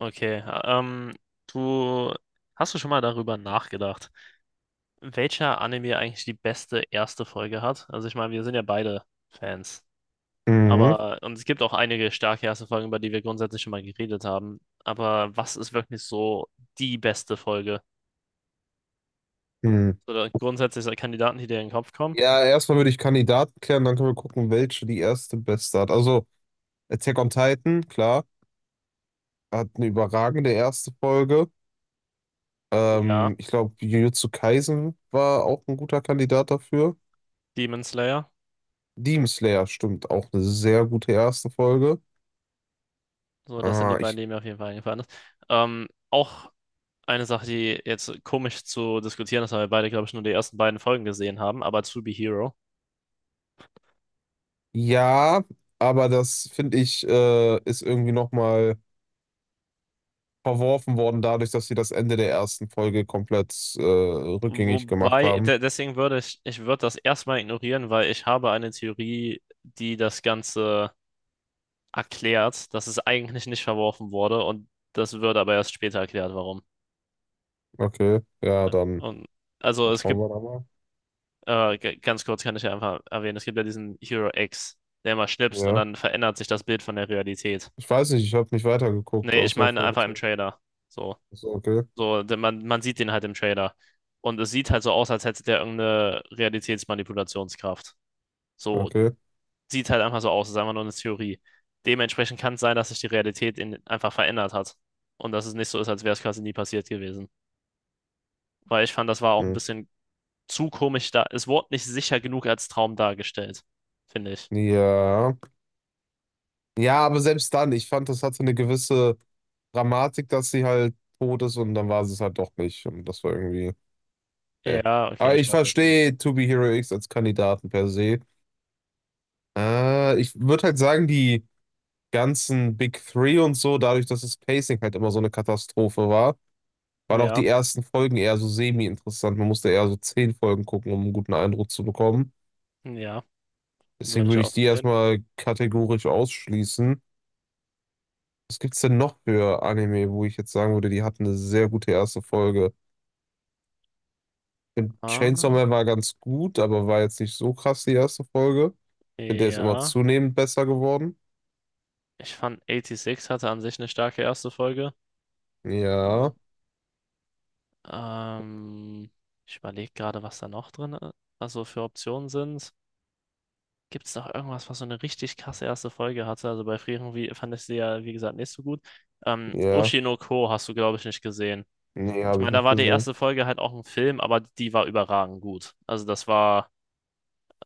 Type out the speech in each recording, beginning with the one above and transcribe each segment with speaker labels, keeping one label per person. Speaker 1: Okay, du hast du schon mal darüber nachgedacht, welcher Anime eigentlich die beste erste Folge hat? Also ich meine, wir sind ja beide Fans,
Speaker 2: Mhm.
Speaker 1: aber und es gibt auch einige starke erste Folgen, über die wir grundsätzlich schon mal geredet haben. Aber was ist wirklich so die beste Folge?
Speaker 2: Mhm.
Speaker 1: Oder grundsätzlich so Kandidaten, die dir in den Kopf kommen?
Speaker 2: Ja, erstmal würde ich Kandidaten klären, dann können wir gucken, welche die erste beste hat. Also Attack on Titan, klar, hat eine überragende erste Folge.
Speaker 1: Ja,
Speaker 2: Ich glaube, Jujutsu Kaisen war auch ein guter Kandidat dafür.
Speaker 1: Demon Slayer.
Speaker 2: Demon Slayer, stimmt, auch eine sehr gute erste Folge.
Speaker 1: So, das sind die
Speaker 2: Ah,
Speaker 1: beiden,
Speaker 2: ich,
Speaker 1: die mir auf jeden Fall eingefallen ist. Auch eine Sache, die jetzt komisch zu diskutieren ist, weil wir beide, glaube ich, nur die ersten beiden Folgen gesehen haben, aber To Be Hero.
Speaker 2: ja, aber das finde ich, ist irgendwie nochmal verworfen worden, dadurch, dass sie das Ende der ersten Folge komplett rückgängig gemacht
Speaker 1: Wobei,
Speaker 2: haben.
Speaker 1: de deswegen würde ich würde das erstmal ignorieren, weil ich habe eine Theorie, die das Ganze erklärt, dass es eigentlich nicht verworfen wurde und das wird aber erst später erklärt, warum.
Speaker 2: Okay, ja, dann.
Speaker 1: Und also es
Speaker 2: Vertrauen
Speaker 1: gibt,
Speaker 2: wir da mal.
Speaker 1: ganz kurz kann ich ja einfach erwähnen, es gibt ja diesen Hero X, der immer schnipst und
Speaker 2: Ja.
Speaker 1: dann verändert sich das Bild von der Realität.
Speaker 2: Ich weiß nicht, ich habe nicht weitergeguckt,
Speaker 1: Nee, ich
Speaker 2: außer
Speaker 1: meine
Speaker 2: Folge
Speaker 1: einfach im
Speaker 2: 2.
Speaker 1: Trailer. So,
Speaker 2: So, okay,
Speaker 1: so, man sieht den halt im Trailer. Und es sieht halt so aus, als hätte der irgendeine Realitätsmanipulationskraft. So
Speaker 2: okay.
Speaker 1: sieht halt einfach so aus, ist einfach nur eine Theorie. Dementsprechend kann es sein, dass sich die Realität in, einfach verändert hat. Und dass es nicht so ist, als wäre es quasi nie passiert gewesen. Weil ich fand, das war auch ein
Speaker 2: Hm.
Speaker 1: bisschen zu komisch da. Es wurde nicht sicher genug als Traum dargestellt, finde ich.
Speaker 2: Ja. Ja, aber selbst dann, ich fand, das hatte eine gewisse Dramatik, dass sie halt tot ist und dann war sie es halt doch nicht. Und das war irgendwie. Äh.
Speaker 1: Ja, okay,
Speaker 2: Aber
Speaker 1: ich
Speaker 2: ich
Speaker 1: weiß, was du meinst.
Speaker 2: verstehe To Be Hero X als Kandidaten per se. Ich würde halt sagen, die ganzen Big Three und so, dadurch, dass das Pacing halt immer so eine Katastrophe war, waren auch die
Speaker 1: Ja,
Speaker 2: ersten Folgen eher so semi-interessant. Man musste eher so 10 Folgen gucken, um einen guten Eindruck zu bekommen.
Speaker 1: ja, würde
Speaker 2: Deswegen
Speaker 1: ich
Speaker 2: würde
Speaker 1: auch
Speaker 2: ich
Speaker 1: so
Speaker 2: die
Speaker 1: sehen.
Speaker 2: erstmal kategorisch ausschließen. Was gibt's denn noch für Anime, wo ich jetzt sagen würde, die hatten eine sehr gute erste Folge? Ich finde,
Speaker 1: Ah,
Speaker 2: Chainsaw Man war ganz gut, aber war jetzt nicht so krass die erste Folge. Ich finde, der ist immer
Speaker 1: ja,
Speaker 2: zunehmend besser geworden.
Speaker 1: ich fand 86 hatte an sich eine starke erste Folge.
Speaker 2: Ja,
Speaker 1: Ähm, ähm, Ich überlege gerade, was da noch drin, also für Optionen sind. Gibt es noch irgendwas, was so eine richtig krasse erste Folge hatte? Also bei Frieren wie, fand ich sie ja, wie gesagt, nicht so gut.
Speaker 2: ja.
Speaker 1: Ushi no Ko hast du, glaube ich, nicht gesehen.
Speaker 2: Nee,
Speaker 1: Ich
Speaker 2: habe ich
Speaker 1: meine, da
Speaker 2: nicht
Speaker 1: war die
Speaker 2: gesehen.
Speaker 1: erste Folge halt auch ein Film, aber die war überragend gut. Also das war,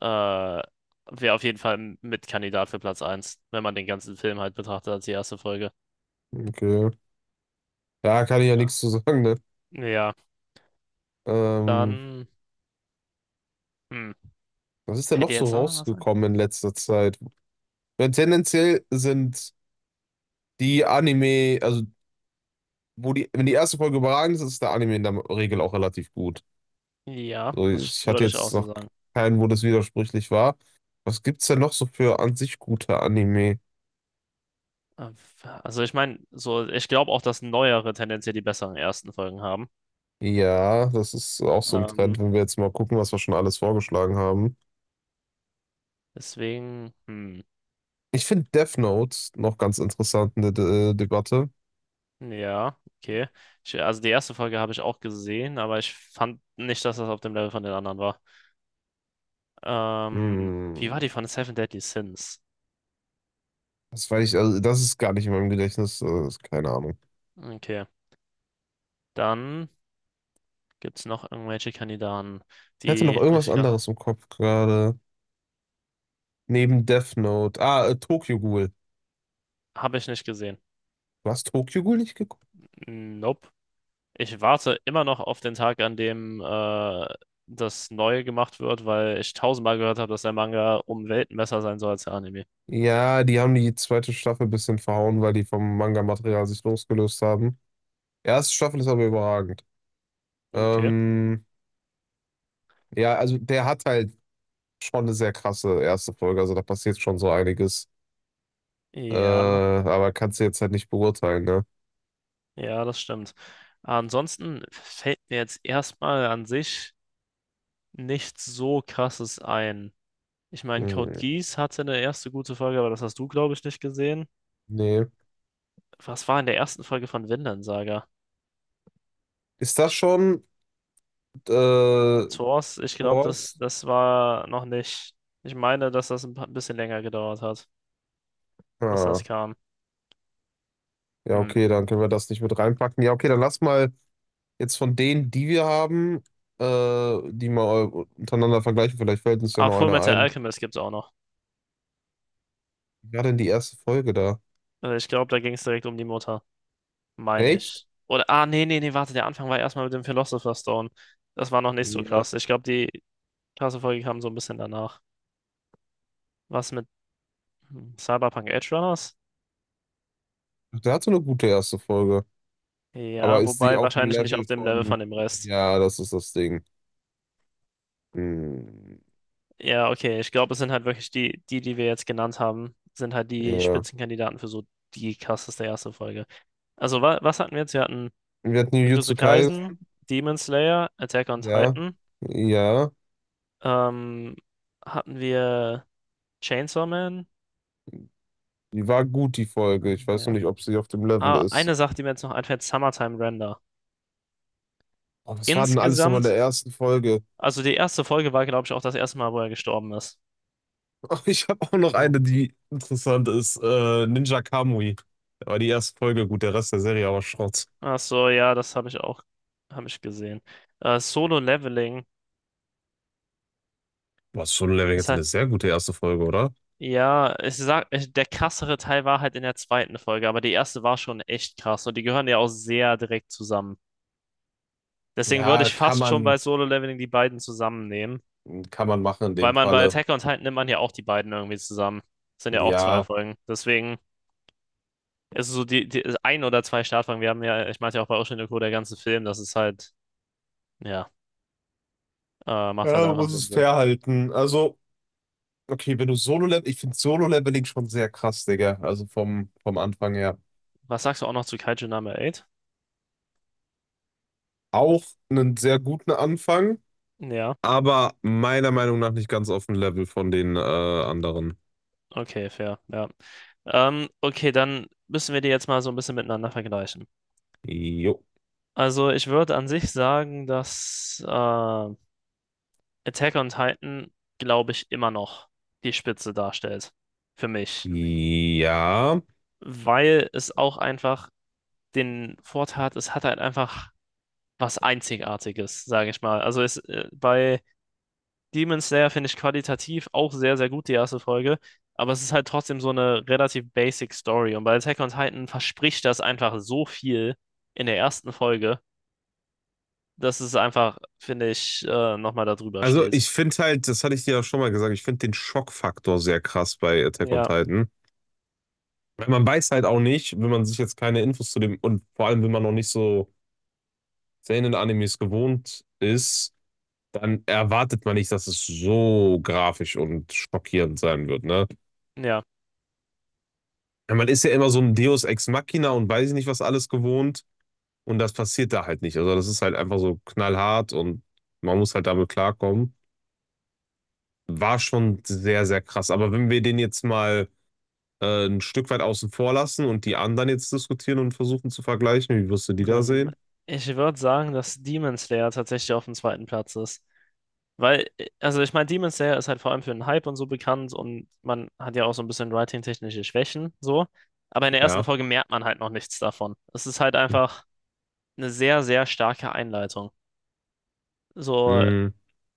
Speaker 1: wäre auf jeden Fall mit Kandidat für Platz eins, wenn man den ganzen Film halt betrachtet als die erste Folge.
Speaker 2: Okay. Da kann ich ja nichts zu sagen, ne?
Speaker 1: Ja,
Speaker 2: Ähm,
Speaker 1: dann, hm,
Speaker 2: was ist denn
Speaker 1: hätte
Speaker 2: noch so
Speaker 1: jetzt noch was sein?
Speaker 2: rausgekommen in letzter Zeit? Weil tendenziell sind die Anime, also wo die, wenn die erste Folge überragend ist, ist der Anime in der Regel auch relativ gut.
Speaker 1: Ja,
Speaker 2: So,
Speaker 1: das
Speaker 2: ich hatte
Speaker 1: würde ich auch
Speaker 2: jetzt
Speaker 1: so
Speaker 2: noch
Speaker 1: sagen.
Speaker 2: keinen, wo das widersprüchlich war. Was gibt's denn noch so für an sich gute Anime?
Speaker 1: Äh, Also ich meine, so, ich glaube auch, dass neuere tendenziell die besseren ersten Folgen haben.
Speaker 2: Ja, das ist auch so ein
Speaker 1: Ähm,
Speaker 2: Trend, wenn wir jetzt mal gucken, was wir schon alles vorgeschlagen haben.
Speaker 1: Deswegen, hm,
Speaker 2: Ich finde Death Note noch ganz interessant in der De Debatte.
Speaker 1: ja, okay. Ich, also die erste Folge habe ich auch gesehen, aber ich fand nicht, dass das auf dem Level von den anderen war. Wie war die
Speaker 2: Hm,
Speaker 1: von Seven Deadly Sins?
Speaker 2: das weiß ich, also das ist gar nicht in meinem Gedächtnis, keine Ahnung.
Speaker 1: Okay. Dann gibt es noch irgendwelche Kandidaten,
Speaker 2: Ich hatte
Speaker 1: die
Speaker 2: noch irgendwas
Speaker 1: richtig krass sind.
Speaker 2: anderes im Kopf gerade. Neben Death Note. Tokyo Ghoul.
Speaker 1: Habe ich nicht gesehen.
Speaker 2: Du hast Tokyo Ghoul nicht geguckt?
Speaker 1: Nope. Ich warte immer noch auf den Tag, an dem das Neue gemacht wird, weil ich tausendmal gehört habe, dass der Manga um Welten besser sein soll als der Anime.
Speaker 2: Ja, die haben die zweite Staffel ein bisschen verhauen, weil die vom Manga-Material sich losgelöst haben. Erste Staffel ist aber überragend.
Speaker 1: Okay.
Speaker 2: Ähm, ja, also der hat halt schon eine sehr krasse erste Folge, also da passiert schon so einiges.
Speaker 1: Ja.
Speaker 2: Aber kannst du jetzt halt nicht beurteilen, ne?
Speaker 1: Ja, das stimmt. Ansonsten fällt mir jetzt erstmal an sich nichts so Krasses ein. Ich meine, Code
Speaker 2: Hm,
Speaker 1: Geass hatte eine erste gute Folge, aber das hast du, glaube ich, nicht gesehen.
Speaker 2: nee.
Speaker 1: Was war in der ersten Folge von Vinland Saga?
Speaker 2: Ist das
Speaker 1: Ich,
Speaker 2: schon äh,
Speaker 1: mit Source, ich glaube,
Speaker 2: Thor's?
Speaker 1: das war noch nicht. Ich meine, dass das ein bisschen länger gedauert hat, bis das
Speaker 2: Ah,
Speaker 1: kam.
Speaker 2: ja,
Speaker 1: Hm.
Speaker 2: okay, dann können wir das nicht mit reinpacken. Ja, okay, dann lass mal. Jetzt von denen, die wir haben, die mal untereinander vergleichen, vielleicht fällt uns ja
Speaker 1: Ah,
Speaker 2: noch einer
Speaker 1: Fullmetal
Speaker 2: ein.
Speaker 1: Alchemist gibt's auch noch.
Speaker 2: Wie war denn die erste Folge da?
Speaker 1: Ich glaube, da ging es direkt um die Mutter, meine
Speaker 2: Echt?
Speaker 1: ich. Oder, ah, nee, warte, der Anfang war erstmal mit dem Philosopher's Stone. Das war noch nicht so
Speaker 2: Ja.
Speaker 1: krass. Ich glaube, die krasse Folge kam so ein bisschen danach. Was mit hm, Cyberpunk Edge Runners?
Speaker 2: Der hatte eine gute erste Folge. Aber
Speaker 1: Ja,
Speaker 2: ist sie
Speaker 1: wobei
Speaker 2: auf dem
Speaker 1: wahrscheinlich nicht auf
Speaker 2: Level
Speaker 1: dem Level von
Speaker 2: von.
Speaker 1: dem Rest.
Speaker 2: Ja, das ist das Ding. Hm,
Speaker 1: Ja, okay, ich glaube, es sind halt wirklich die wir jetzt genannt haben, sind halt die
Speaker 2: ja.
Speaker 1: Spitzenkandidaten für so die krasseste erste Folge. Also, wa was hatten wir jetzt? Wir hatten
Speaker 2: Wir hatten
Speaker 1: Jujutsu
Speaker 2: Jujutsu Kaisen.
Speaker 1: Kaisen, Demon Slayer, Attack on
Speaker 2: Ja.
Speaker 1: Titan,
Speaker 2: Ja.
Speaker 1: ähm, hatten wir Chainsaw Man,
Speaker 2: Die war gut, die Folge. Ich weiß nur
Speaker 1: ja.
Speaker 2: nicht, ob sie auf dem Level
Speaker 1: Ah,
Speaker 2: ist.
Speaker 1: eine Sache, die mir jetzt noch einfällt, Summertime Render.
Speaker 2: Oh, was war denn alles nochmal in
Speaker 1: Insgesamt,
Speaker 2: der ersten Folge?
Speaker 1: also die erste Folge war, glaube ich, auch das erste Mal, wo er gestorben ist.
Speaker 2: Oh, ich habe auch noch
Speaker 1: Oh.
Speaker 2: eine, die interessant ist. Ninja Kamui. Da war die erste Folge gut, der Rest der Serie aber Schrott.
Speaker 1: Ach so, ja, das habe ich auch, habe ich gesehen. Solo Leveling
Speaker 2: Was schon Level
Speaker 1: ist
Speaker 2: jetzt
Speaker 1: halt,
Speaker 2: eine sehr gute erste Folge, oder?
Speaker 1: ja, ich sag, ich, der krassere Teil war halt in der zweiten Folge, aber die erste war schon echt krass und die gehören ja auch sehr direkt zusammen. Deswegen würde
Speaker 2: Ja,
Speaker 1: ich fast schon bei Solo Leveling die beiden zusammennehmen,
Speaker 2: kann man machen in
Speaker 1: weil
Speaker 2: dem
Speaker 1: man bei
Speaker 2: Falle.
Speaker 1: Attack on Titan nimmt man ja auch die beiden irgendwie zusammen. Das sind ja auch zwei
Speaker 2: Ja,
Speaker 1: Folgen. Deswegen. Es ist so die, die ein oder zwei Startfragen. Wir haben ja, ich meinte ja auch bei Ocean Echo der ganze Film, das ist halt, ja, macht halt
Speaker 2: ja, man
Speaker 1: einfach
Speaker 2: muss
Speaker 1: Sinn
Speaker 2: es
Speaker 1: so.
Speaker 2: fair halten. Also, okay, wenn du Solo-Level, ich finde Solo-Leveling schon sehr krass, Digga. Also vom Anfang her.
Speaker 1: Was sagst du auch noch zu Kaiju Number 8?
Speaker 2: Auch einen sehr guten Anfang,
Speaker 1: Ja,
Speaker 2: aber meiner Meinung nach nicht ganz auf dem Level von den anderen.
Speaker 1: okay, fair, ja. Okay, dann müssen wir die jetzt mal so ein bisschen miteinander vergleichen.
Speaker 2: Jo.
Speaker 1: Also ich würde an sich sagen, dass Attack on Titan, glaube ich, immer noch die Spitze darstellt. Für mich.
Speaker 2: Ja.
Speaker 1: Weil es auch einfach den Vorteil hat, es hat halt einfach was Einzigartiges, sage ich mal. Also es, bei Demon Slayer finde ich qualitativ auch sehr, sehr gut die erste Folge, aber es ist halt trotzdem so eine relativ basic Story. Und bei Attack on Titan verspricht das einfach so viel in der ersten Folge, dass es einfach, finde ich, nochmal da drüber
Speaker 2: Also
Speaker 1: steht.
Speaker 2: ich finde halt, das hatte ich dir ja schon mal gesagt, ich finde den Schockfaktor sehr krass bei Attack on
Speaker 1: Ja,
Speaker 2: Titan. Weil man weiß halt auch nicht, wenn man sich jetzt keine Infos zu dem, und vor allem, wenn man noch nicht so Seinen-Animes gewohnt ist, dann erwartet man nicht, dass es so grafisch und schockierend sein wird, ne?
Speaker 1: ja.
Speaker 2: Weil man ist ja immer so ein Deus Ex Machina und weiß ich nicht, was alles gewohnt. Und das passiert da halt nicht. Also das ist halt einfach so knallhart und man muss halt damit klarkommen. War schon sehr, sehr krass. Aber wenn wir den jetzt mal ein Stück weit außen vor lassen und die anderen jetzt diskutieren und versuchen zu vergleichen. Wie wirst du die da
Speaker 1: Dann,
Speaker 2: sehen?
Speaker 1: ich würde sagen, dass Demon Slayer tatsächlich auf dem zweiten Platz ist. Weil, also ich meine, Demon Slayer ist halt vor allem für den Hype und so bekannt und man hat ja auch so ein bisschen writing-technische Schwächen, so. Aber in der ersten
Speaker 2: Ja.
Speaker 1: Folge merkt man halt noch nichts davon. Es ist halt einfach eine sehr, sehr starke Einleitung. So,
Speaker 2: Mm.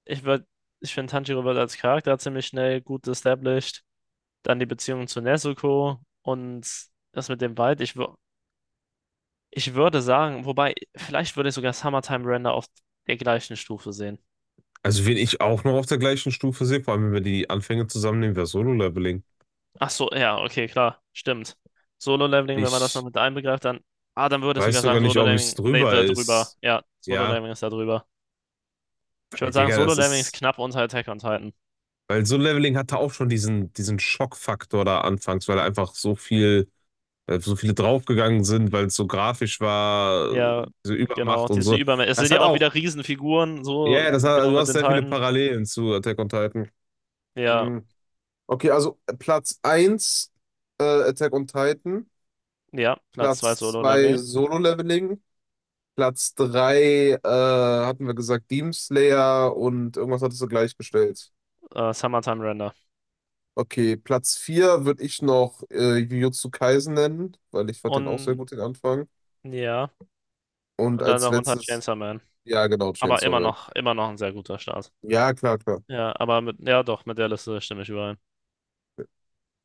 Speaker 1: ich würde, ich finde, Tanjiro wird als Charakter ziemlich schnell gut established. Dann die Beziehung zu Nezuko und das mit dem Wald. Ich würde sagen, wobei, vielleicht würde ich sogar Summertime Render auf der gleichen Stufe sehen.
Speaker 2: Also, wen ich auch noch auf der gleichen Stufe sehe, vor allem wenn wir die Anfänge zusammennehmen, wäre Solo-Leveling.
Speaker 1: Ach so, ja, okay, klar, stimmt. Solo-Leveling, wenn man das noch
Speaker 2: Ich
Speaker 1: mit einbegreift, dann, ah, dann würde ich
Speaker 2: weiß
Speaker 1: sogar sagen,
Speaker 2: sogar nicht, ob es drüber
Speaker 1: Da drüber.
Speaker 2: ist.
Speaker 1: Ja,
Speaker 2: Ja,
Speaker 1: Solo-Leveling ist da drüber. Ich würde
Speaker 2: weil,
Speaker 1: sagen,
Speaker 2: Digga, das
Speaker 1: Solo-Leveling ist
Speaker 2: ist.
Speaker 1: knapp unter Attack on Titan.
Speaker 2: Weil Solo-Leveling hatte auch schon diesen, diesen Schockfaktor da anfangs, weil einfach so viel, weil so viele draufgegangen sind, weil es so grafisch war,
Speaker 1: Ja,
Speaker 2: diese
Speaker 1: genau,
Speaker 2: Übermacht und
Speaker 1: diese
Speaker 2: so.
Speaker 1: Übermächte. Es
Speaker 2: Das
Speaker 1: sind ja
Speaker 2: hat
Speaker 1: auch
Speaker 2: auch.
Speaker 1: wieder Riesenfiguren,
Speaker 2: Ja,
Speaker 1: so
Speaker 2: ja, das hat,
Speaker 1: genau
Speaker 2: du
Speaker 1: mit
Speaker 2: hast
Speaker 1: den
Speaker 2: sehr viele
Speaker 1: Titan.
Speaker 2: Parallelen zu Attack on Titan.
Speaker 1: Ja,
Speaker 2: Mhm. Okay, also Platz eins Attack on Titan,
Speaker 1: ja, Platz 2
Speaker 2: Platz 2
Speaker 1: Solo-Leveling.
Speaker 2: Solo-Leveling, Platz 3 hatten wir gesagt Demon Slayer und irgendwas hattest du gleichgestellt.
Speaker 1: Summertime Render.
Speaker 2: Okay, Platz 4 würde ich noch Jujutsu Kaisen nennen, weil ich fand den auch sehr
Speaker 1: Und
Speaker 2: gut, den Anfang.
Speaker 1: ja,
Speaker 2: Und
Speaker 1: und dann
Speaker 2: als
Speaker 1: darunter
Speaker 2: letztes,
Speaker 1: Chainsaw Man.
Speaker 2: ja genau,
Speaker 1: Aber
Speaker 2: Chainsaw Man.
Speaker 1: immer noch ein sehr guter Start.
Speaker 2: Ja, klar, klar.
Speaker 1: Ja, aber mit, ja doch, mit der Liste stimme ich überein.